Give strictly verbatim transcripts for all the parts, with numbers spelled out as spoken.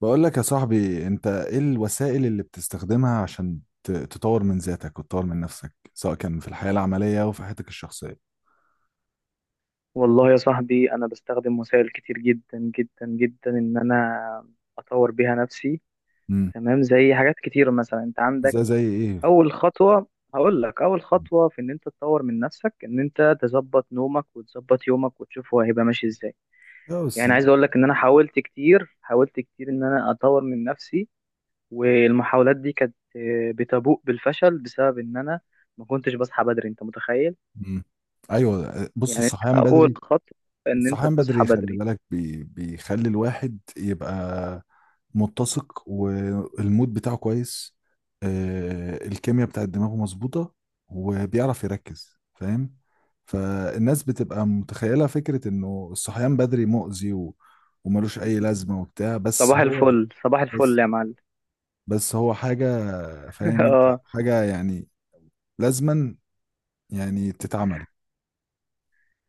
بقول لك يا صاحبي، انت ايه الوسائل اللي بتستخدمها عشان ت- تطور من ذاتك وتطور من نفسك، سواء كان في الحياة العملية او في حياتك الشخصية؟ والله يا صاحبي، أنا بستخدم وسائل كتير جدا جدا جدا إن أنا أطور بيها نفسي. امم. تمام. زي حاجات كتير، مثلا أنت زي عندك زي ايه؟ أول خطوة. هقول لك، أول خطوة في إن أنت تطور من نفسك إن أنت تظبط نومك وتظبط يومك وتشوف هو هيبقى ماشي إزاي. يا بس يعني عايز أقول دي. لك إن أنا حاولت كتير حاولت كتير إن أنا أطور من نفسي، والمحاولات دي كانت آه، بتبوء بالفشل بسبب إن أنا ما كنتش بصحى بدري. أنت متخيل؟ مم. ايوه، بص، يعني أنت الصحيان أول بدري. خطوة إن أنت الصحيان تصحى بدري خلي بدري. بالك، بي بيخلي الواحد يبقى متسق، والمود بتاعه كويس. آه، الكيمياء بتاعت دماغه مظبوطة، وبيعرف يركز، فاهم. فالناس بتبقى متخيلة فكرة انه الصحيان بدري مؤذي و- وملوش اي لازمة وبتاع، بس صباح هو الفل صباح بس الفل يا معلم. بس هو حاجة، فاهم انت، اه. حاجة يعني لازما يعني تتعمل.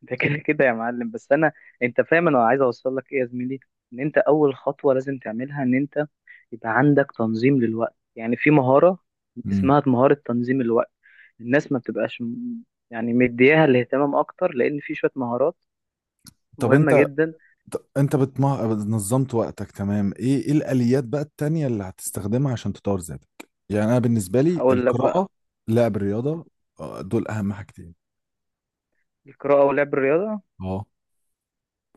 ده كده كده يا معلم، بس انا، انت فاهم انا عايز اوصل لك ايه يا زميلي، ان انت اول خطوه لازم تعملها ان انت يبقى عندك تنظيم للوقت. يعني في مهاره مم. اسمها مهاره تنظيم الوقت. الناس ما بتبقاش م- يعني مدياها الاهتمام اكتر، لان في شويه مهارات طب مهمه انت، جدا. ط- انت بتما... نظمت وقتك تمام. ايه ايه الاليات بقى التانية اللي هتستخدمها عشان تطور ذاتك؟ يعني انا بالنسبة لي هقول لك بقى، القراءة، لعب الرياضة، آه، دول اهم حاجتين. القراءه ولعب الرياضه؟ اه،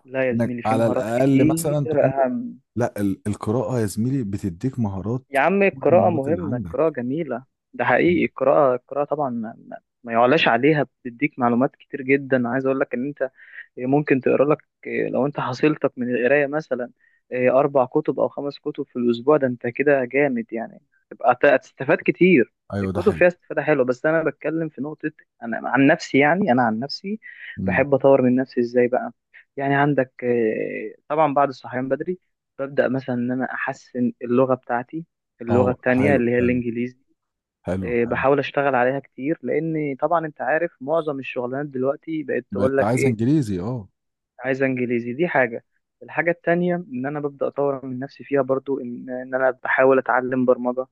لا يا انك زميلي، في على مهارات الاقل مثلا كتير تكون ب... اهم. لا، ال... القراءة يا زميلي بتديك مهارات يا عم، فوق القراءة المهارات اللي مهمة، القراءة عندك. جميلة، ده حقيقي. مم. القراءة القراءة طبعا ما, ما, ما يعلاش عليها، بتديك معلومات كتير جدا. عايز اقول لك ان انت إيه، ممكن تقرا لك، إيه، لو انت حصيلتك من القرايه مثلا إيه، اربع كتب او خمس كتب في الاسبوع، ده انت كده جامد يعني. تبقى هتستفاد كتير، ايوه ده الكتب حقيقي. فيها استفاده حلوه. بس انا بتكلم في نقطه، انا عن نفسي يعني، انا عن نفسي مم. بحب اطور من نفسي ازاي بقى. يعني عندك آه، طبعا بعد الصحيان بدري، ببدا مثلا ان انا احسن اللغه بتاعتي، اللغه اه التانية حلو اللي هي حلو، الانجليزي. حلو آه، حلو. بحاول اشتغل عليها كتير، لان طبعا انت عارف معظم الشغلانات دلوقتي بقت تقول بقيت لك عايز ايه، انجليزي، اه. عايز انجليزي. دي حاجه. الحاجه التانية ان انا ببدا اطور من نفسي فيها برضو، ان ان انا بحاول اتعلم برمجه.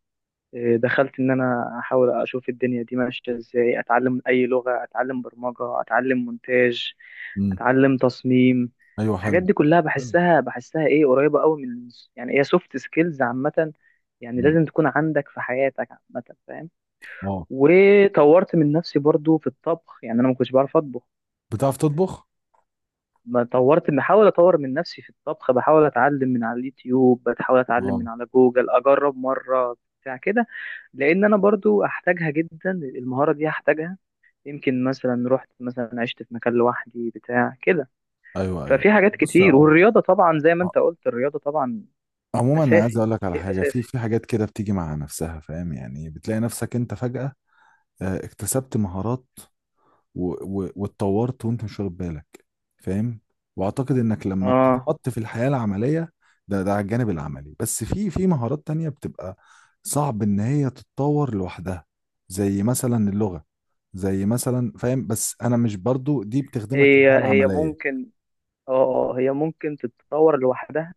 إيه، دخلت ان انا احاول اشوف الدنيا دي ماشيه ازاي، اتعلم اي لغه، اتعلم برمجه، اتعلم مونتاج، مم. اتعلم تصميم. ايوه الحاجات حلو دي كلها حلو. بحسها بحسها ايه، قريبه قوي من، يعني هي سوفت سكيلز عامه، يعني مم. لازم تكون عندك في حياتك عامه، فاهم. اه. وطورت من نفسي برضو في الطبخ، يعني انا ما كنتش بعرف اطبخ. بتعرف تطبخ؟ ما طورت بحاول اطور من نفسي في الطبخ، بحاول اتعلم من على اليوتيوب، بحاول اتعلم اه. من على جوجل، اجرب مره، بتاع كده. لان انا برضو احتاجها جدا، المهاره دي هحتاجها، يمكن مثلا رحت مثلا عشت في مكان لوحدي بتاع كده. ايوه ايوه، ففي حاجات بص كتير، اه. والرياضه طبعا زي ما انت قلت، الرياضه طبعا عموما انا عايز اساسي، اقول لك على شيء حاجه، في اساسي. في حاجات كده بتيجي مع نفسها، فاهم، يعني بتلاقي نفسك انت فجاه آه، اكتسبت مهارات و- و- واتطورت وانت مش واخد بالك، فاهم. واعتقد انك لما اه. بتتحط في الحياه العمليه، ده ده على الجانب العملي، بس في في مهارات تانية بتبقى صعب ان هي تتطور لوحدها، زي مثلا اللغه، زي مثلا، فاهم. بس انا مش، برضو دي بتخدمك في الحياه هي هي العمليه، ممكن، اه، آه، هي ممكن تتطور لوحدها،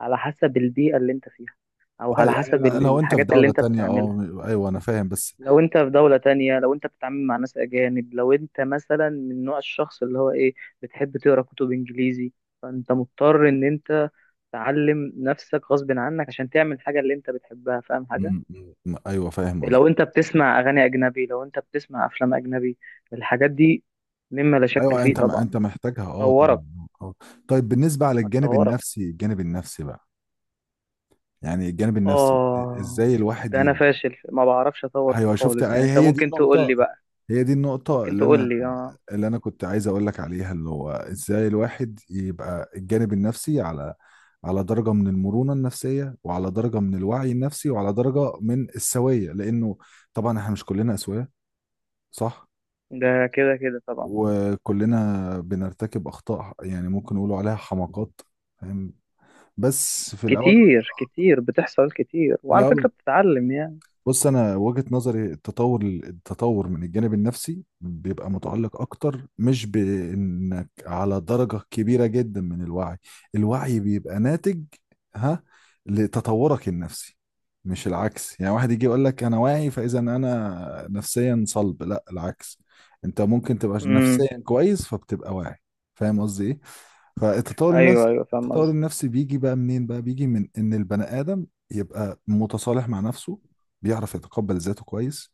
على حسب البيئه اللي انت فيها، او اه على يعني. حسب ال- لو انت في الحاجات اللي دولة انت تانية، بتعملها. اه. ايوه انا فاهم، بس. لو انت في دولة تانية، لو انت بتتعامل مع ناس اجانب، لو انت مثلا من نوع الشخص اللي هو ايه، بتحب تقرا كتب انجليزي، فانت مضطر ان انت تعلم نفسك غصب عنك عشان تعمل حاجة اللي انت بتحبها، فاهم حاجة؟ مم، مم، ايوه فاهم قصدي. لو انت بتسمع اغاني اجنبي، لو انت بتسمع افلام اجنبي، الحاجات دي مما لا شك ايوه، فيه انت ما طبعا انت محتاجها، اه طبعا. طورك اه. آه. طيب بالنسبه على الجانب هتطورك. النفسي، الجانب النفسي بقى، يعني الجانب النفسي، اه. ازاي الواحد ده انا ي... فاشل ما بعرفش اطور فيه ايوه شفت، خالص، يعني هي انت هي دي ممكن تقول النقطه، لي بقى، هي دي النقطه ممكن اللي تقول انا لي. اه. اللي انا كنت عايز اقول لك عليها، اللي هو ازاي الواحد يبقى الجانب النفسي على على درجه من المرونه النفسيه، وعلى درجه من الوعي النفسي، وعلى درجه من السويه، لانه طبعا احنا مش كلنا اسويه، صح. ده كده كده طبعا. وكلنا بنرتكب اخطاء، يعني ممكن نقولوا عليها حماقات، فاهم. بس في الاول كتير كتير بتحصل، كتير في وعلى فكرة الاول بتتعلم يعني. بص، انا وجهة نظري التطور، التطور من الجانب النفسي بيبقى متعلق اكتر، مش بانك على درجة كبيرة جدا من الوعي. الوعي بيبقى ناتج، ها، لتطورك النفسي، مش العكس. يعني واحد يجي يقول لك انا واعي، فاذا انا نفسيا صلب، لا، العكس. انت ممكن تبقى امم. نفسيا كويس فبتبقى واعي، فاهم قصدي ايه. فالتطور النفسي، ايوه ايوه، فاهم التطور قصدك. النفسي بيجي بقى منين بقى؟ بيجي من ان البني ادم يبقى متصالح مع نفسه، بيعرف يتقبل ذاته كويس،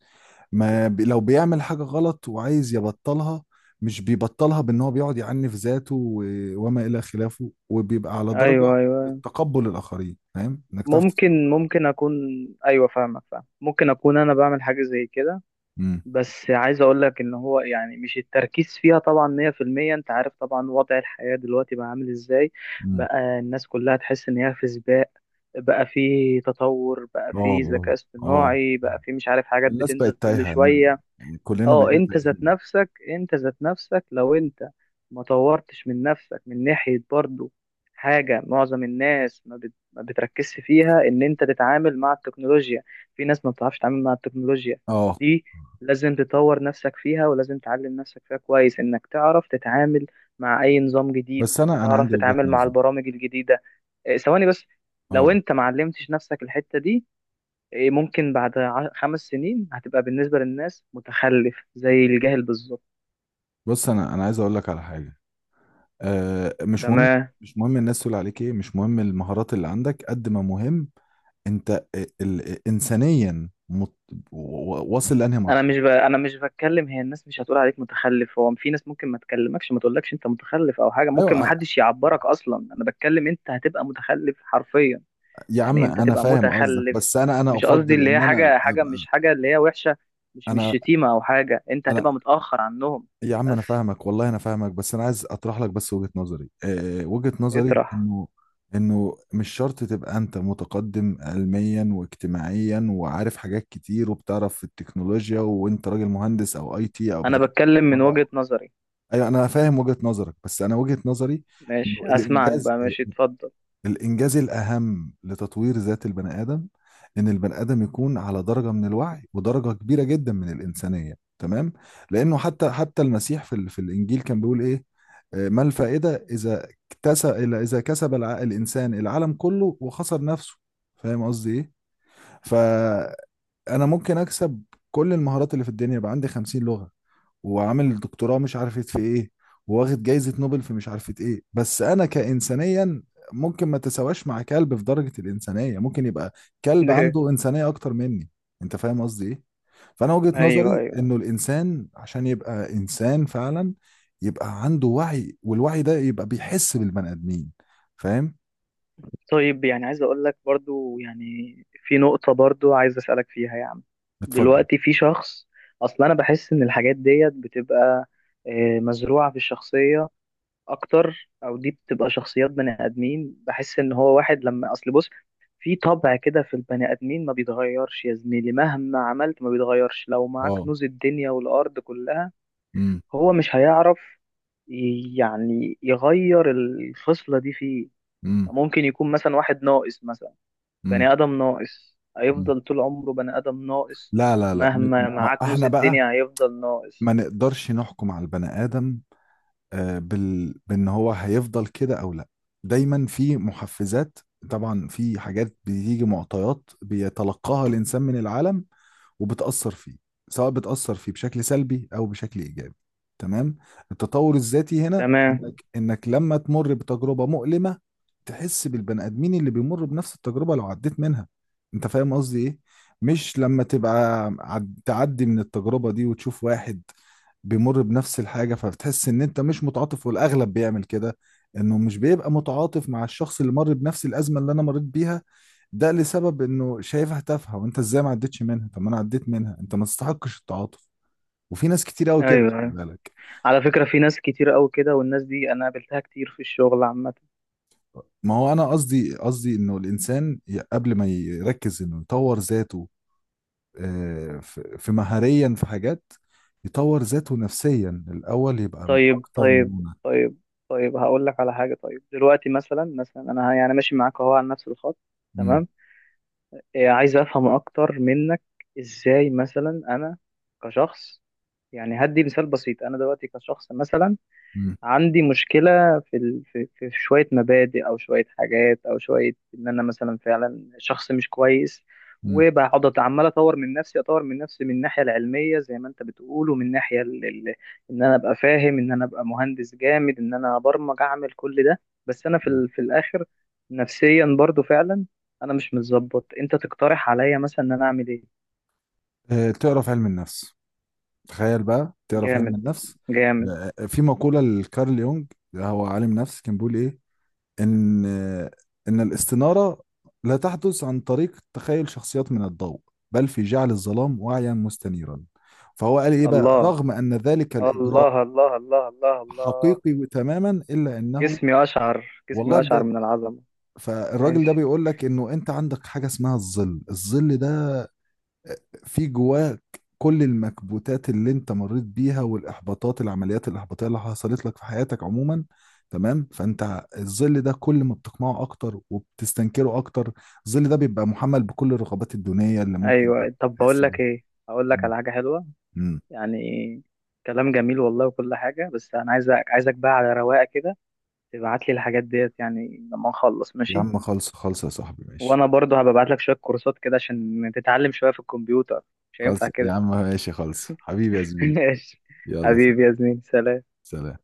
ما بي لو بيعمل حاجة غلط وعايز يبطلها، مش بيبطلها بان هو بيقعد يعنف ذاته و... وما الى خلافه، وبيبقى على درجة ايوه ايوه، من أيوة. التقبل الاخرين، فاهم انك تعرف تتقبل. ممكن ممكن اكون، ايوه فاهمك فاهم، ممكن اكون انا بعمل حاجة زي كده. امم. بس عايز اقول لك ان هو يعني، مش التركيز فيها طبعا ميه في الميه. انت عارف طبعا وضع الحياة دلوقتي بقى عامل ازاي، امم. بقى الناس كلها تحس ان هي في سباق، بقى في تطور، بقى اه. في اه. ذكاء اه. اصطناعي، بقى في مش عارف حاجات الناس بتنزل بقت كل تايهة، شوية. أنا- كلنا اه. بقينا انت ذات تايهين. نفسك انت ذات نفسك، لو انت ما طورتش من نفسك من ناحية برضو، حاجة معظم الناس ما, بت... ما بتركزش فيها، ان انت تتعامل مع التكنولوجيا. في ناس ما بتعرفش تتعامل مع التكنولوجيا اه. دي، لازم تطور نفسك فيها ولازم تعلم نفسك فيها كويس، انك تعرف تتعامل مع اي نظام جديد، بس انا انا بتعرف عندي وجهة تتعامل مع نظر. البرامج الجديدة. إيه، ثواني بس. لو اه، انت ما علمتش نفسك الحتة دي، إيه، ممكن بعد ع- خمس سنين هتبقى بالنسبة للناس متخلف، زي الجاهل بالظبط. بص، انا انا عايز اقول لك على حاجة، آه، مش مهم. تمام. مش مهم الناس تقول عليك ايه، مش مهم المهارات اللي عندك، قد ما مهم انت ال- ال- انسانيا مت... و- و- واصل لانهي انا مرحله. مش ب... انا مش بتكلم، هي الناس مش هتقول عليك متخلف، هو في ناس ممكن ما تكلمكش ما تقولكش انت متخلف او حاجة، ممكن ايوه. ما آه، حدش يعبرك اصلا. انا بتكلم انت هتبقى متخلف حرفيا، يا عم يعني انت انا تبقى فاهم قصدك، متخلف. بس انا انا مش قصدي افضل اللي ان هي انا حاجة، حاجة ابقى، مش حاجة اللي هي وحشة، مش مش انا شتيمة او حاجة، انت انا هتبقى متأخر عنهم. يا عم، انا بس فاهمك، والله انا فاهمك، بس انا عايز اطرح لك بس وجهه نظري، آه، وجهه نظري اطرح. انه انه مش شرط تبقى انت متقدم علميا واجتماعيا، وعارف حاجات كتير، وبتعرف في التكنولوجيا، وانت راجل مهندس او اي تي او انا بتفهم. بتكلم من وجهة نظري. ايوه انا فاهم وجهة نظرك، بس انا وجهة نظري انه ماشي، اسمعك الانجاز، بقى. ال- ماشي، اتفضل. الانجاز الاهم لتطوير ذات البني ادم، ان البني ادم يكون على درجة من الوعي ودرجة كبيرة جدا من الانسانية، تمام. لانه حتى حتى المسيح في ال- في الانجيل كان بيقول ايه، آه، ما الفائدة اذا اكتسب اذا كسب الع- الانسان العالم كله وخسر نفسه، فاهم قصدي ايه. فانا ممكن اكسب كل المهارات اللي في الدنيا، يبقى عندي خمسين لغة، وعامل دكتوراه مش عارفة في ايه، وواخد جايزة نوبل في مش عارفة ايه، بس انا كإنسانيا ممكن ما تساواش مع كلب في درجة الإنسانية، ممكن يبقى كلب عنده إنسانية أكتر مني، انت فاهم قصدي ايه. فأنا وجهة ايوه نظري ايوه. انه الإنسان عشان يبقى إنسان فعلا، يبقى عنده وعي، والوعي ده يبقى بيحس بالبني آدمين، فاهم. طيب، يعني عايز اقول لك برضو، يعني في نقطة برضو عايز اسألك فيها يا عم. اتفضل. دلوقتي في شخص، اصلا انا بحس ان الحاجات ديت بتبقى آه، مزروعة في الشخصية اكتر، او دي بتبقى شخصيات بني ادمين، بحس ان هو واحد لما اصل بص، في طبع كده في البني ادمين ما بيتغيرش يا زميلي، مهما عملت ما بيتغيرش، لو معاك اه. كنوز الدنيا والارض كلها امم. هو مش هيعرف ي- يعني يغير الخصلة دي فيه. امم. ممكن يكون مثلا واحد ناقص مثلا، امم. بني آدم ناقص، أمم. هيفضل طول عمره بني آدم ناقص، لا لا لا، م- مهما م- معاه كنوز احنا بقى الدنيا هيفضل ناقص. ما نقدرش نحكم على البني آدم، آه، بال... بان هو هيفضل كده او لا، دايما في محفزات، طبعا في حاجات بتيجي، معطيات بيتلقاها الانسان من العالم وبتأثر فيه، سواء بتأثر فيه بشكل سلبي أو بشكل إيجابي، تمام. التطور الذاتي هنا، تمام. إنك إنك لما تمر بتجربة مؤلمة، تحس بالبني آدمين اللي بيمر بنفس التجربة، لو عديت منها. أنت فاهم قصدي إيه؟ مش لما تبقى عد- تعدي من التجربة دي وتشوف واحد بيمر بنفس الحاجة فبتحس ان انت مش متعاطف، والاغلب بيعمل كده، انه مش بيبقى متعاطف مع الشخص اللي مر بنفس الازمة اللي انا مريت بيها، ده لسبب انه شايفها تافهه، وانت ازاي ما عدتش منها، طب ما انا عديت منها، انت ما تستحقش التعاطف. وفي ناس كتير قوي كده، ايوه خلي ايوه، بالك. على فكرة في ناس كتير قوي كده، والناس دي انا قابلتها كتير في الشغل عامة. ما هو انا قصدي قصدي انه الانسان ي- قبل ما يركز انه يطور ذاته، آه، في في مهاريا، في حاجات يطور ذاته نفسيا الاول، يبقى م- طيب اكتر طيب. مرونه. طيب طيب، هقول لك على حاجة. طيب دلوقتي مثلا، مثلا انا يعني ماشي معاك اهو على نفس الخط، مم، تمام. إيه عايز افهم اكتر منك، ازاي مثلا انا كشخص، يعني هدي مثال بسيط، انا دلوقتي كشخص مثلا مم، عندي مشكلة في ال... في في في شوية مبادئ، أو شوية حاجات، أو شوية إن أنا مثلا فعلا شخص مش كويس. مم. وبقعد عمال أطور من نفسي أطور من نفسي من الناحية العلمية زي ما أنت بتقول، ومن الناحية ال... ال... إن أنا أبقى فاهم، إن أنا أبقى مهندس جامد، إن أنا أبرمج، أعمل كل ده. بس أنا في مم. ال... في الآخر نفسيا برضو فعلا أنا مش متظبط. أنت تقترح عليا مثلا إن أنا أعمل إيه؟ آه، تعرف علم النفس، تخيل بقى، تعرف علم جامد النفس. جامد. آه، في مقوله لكارل يونج، هو عالم نفس، كان بيقول ايه، إن إن الاستنارة لا تحدث عن طريق تخيل شخصيات من الضوء، بل في جعل الظلام واعيا مستنيرا. فهو قال إيه بقى، الله رغم أن ذلك الإجراء الله الله الله الله الله. حقيقي تماما إلا أنه، جسمي أشعر، والله جسمي أشعر بجد. من العظمة. فالراجل ده ماشي. بيقول لك إنه أنت عندك حاجة اسمها الظل، الظل ده في جواك، كل المكبوتات اللي انت مريت بيها، والاحباطات العمليات الاحباطيه اللي حصلت لك في حياتك عموما، تمام. فانت الظل ده كل ما بتقمعه اكتر وبتستنكره اكتر، الظل ده بيبقى محمل بكل الرغبات الدونيه اللي ممكن أيوة، طب بقول تحس بيها. لك إيه، هقول لك مم. على حاجة حلوة مم. يعني، كلام جميل والله وكل حاجة، بس أنا عايزك عايزك بقى على رواقة كده تبعت لي الحاجات ديت، يعني لما نخلص، يا ماشي؟ عم خلص خلص يا صاحبي ماشي، وأنا برضو هبقى ابعت لك شوية كورسات كده عشان تتعلم شوية في الكمبيوتر، مش هينفع خلص يا كده. عم ماشي، خلص حبيبي يا زميلي، ماشي. يلا سلام. حبيبي يا زميلي، سلام. سلام.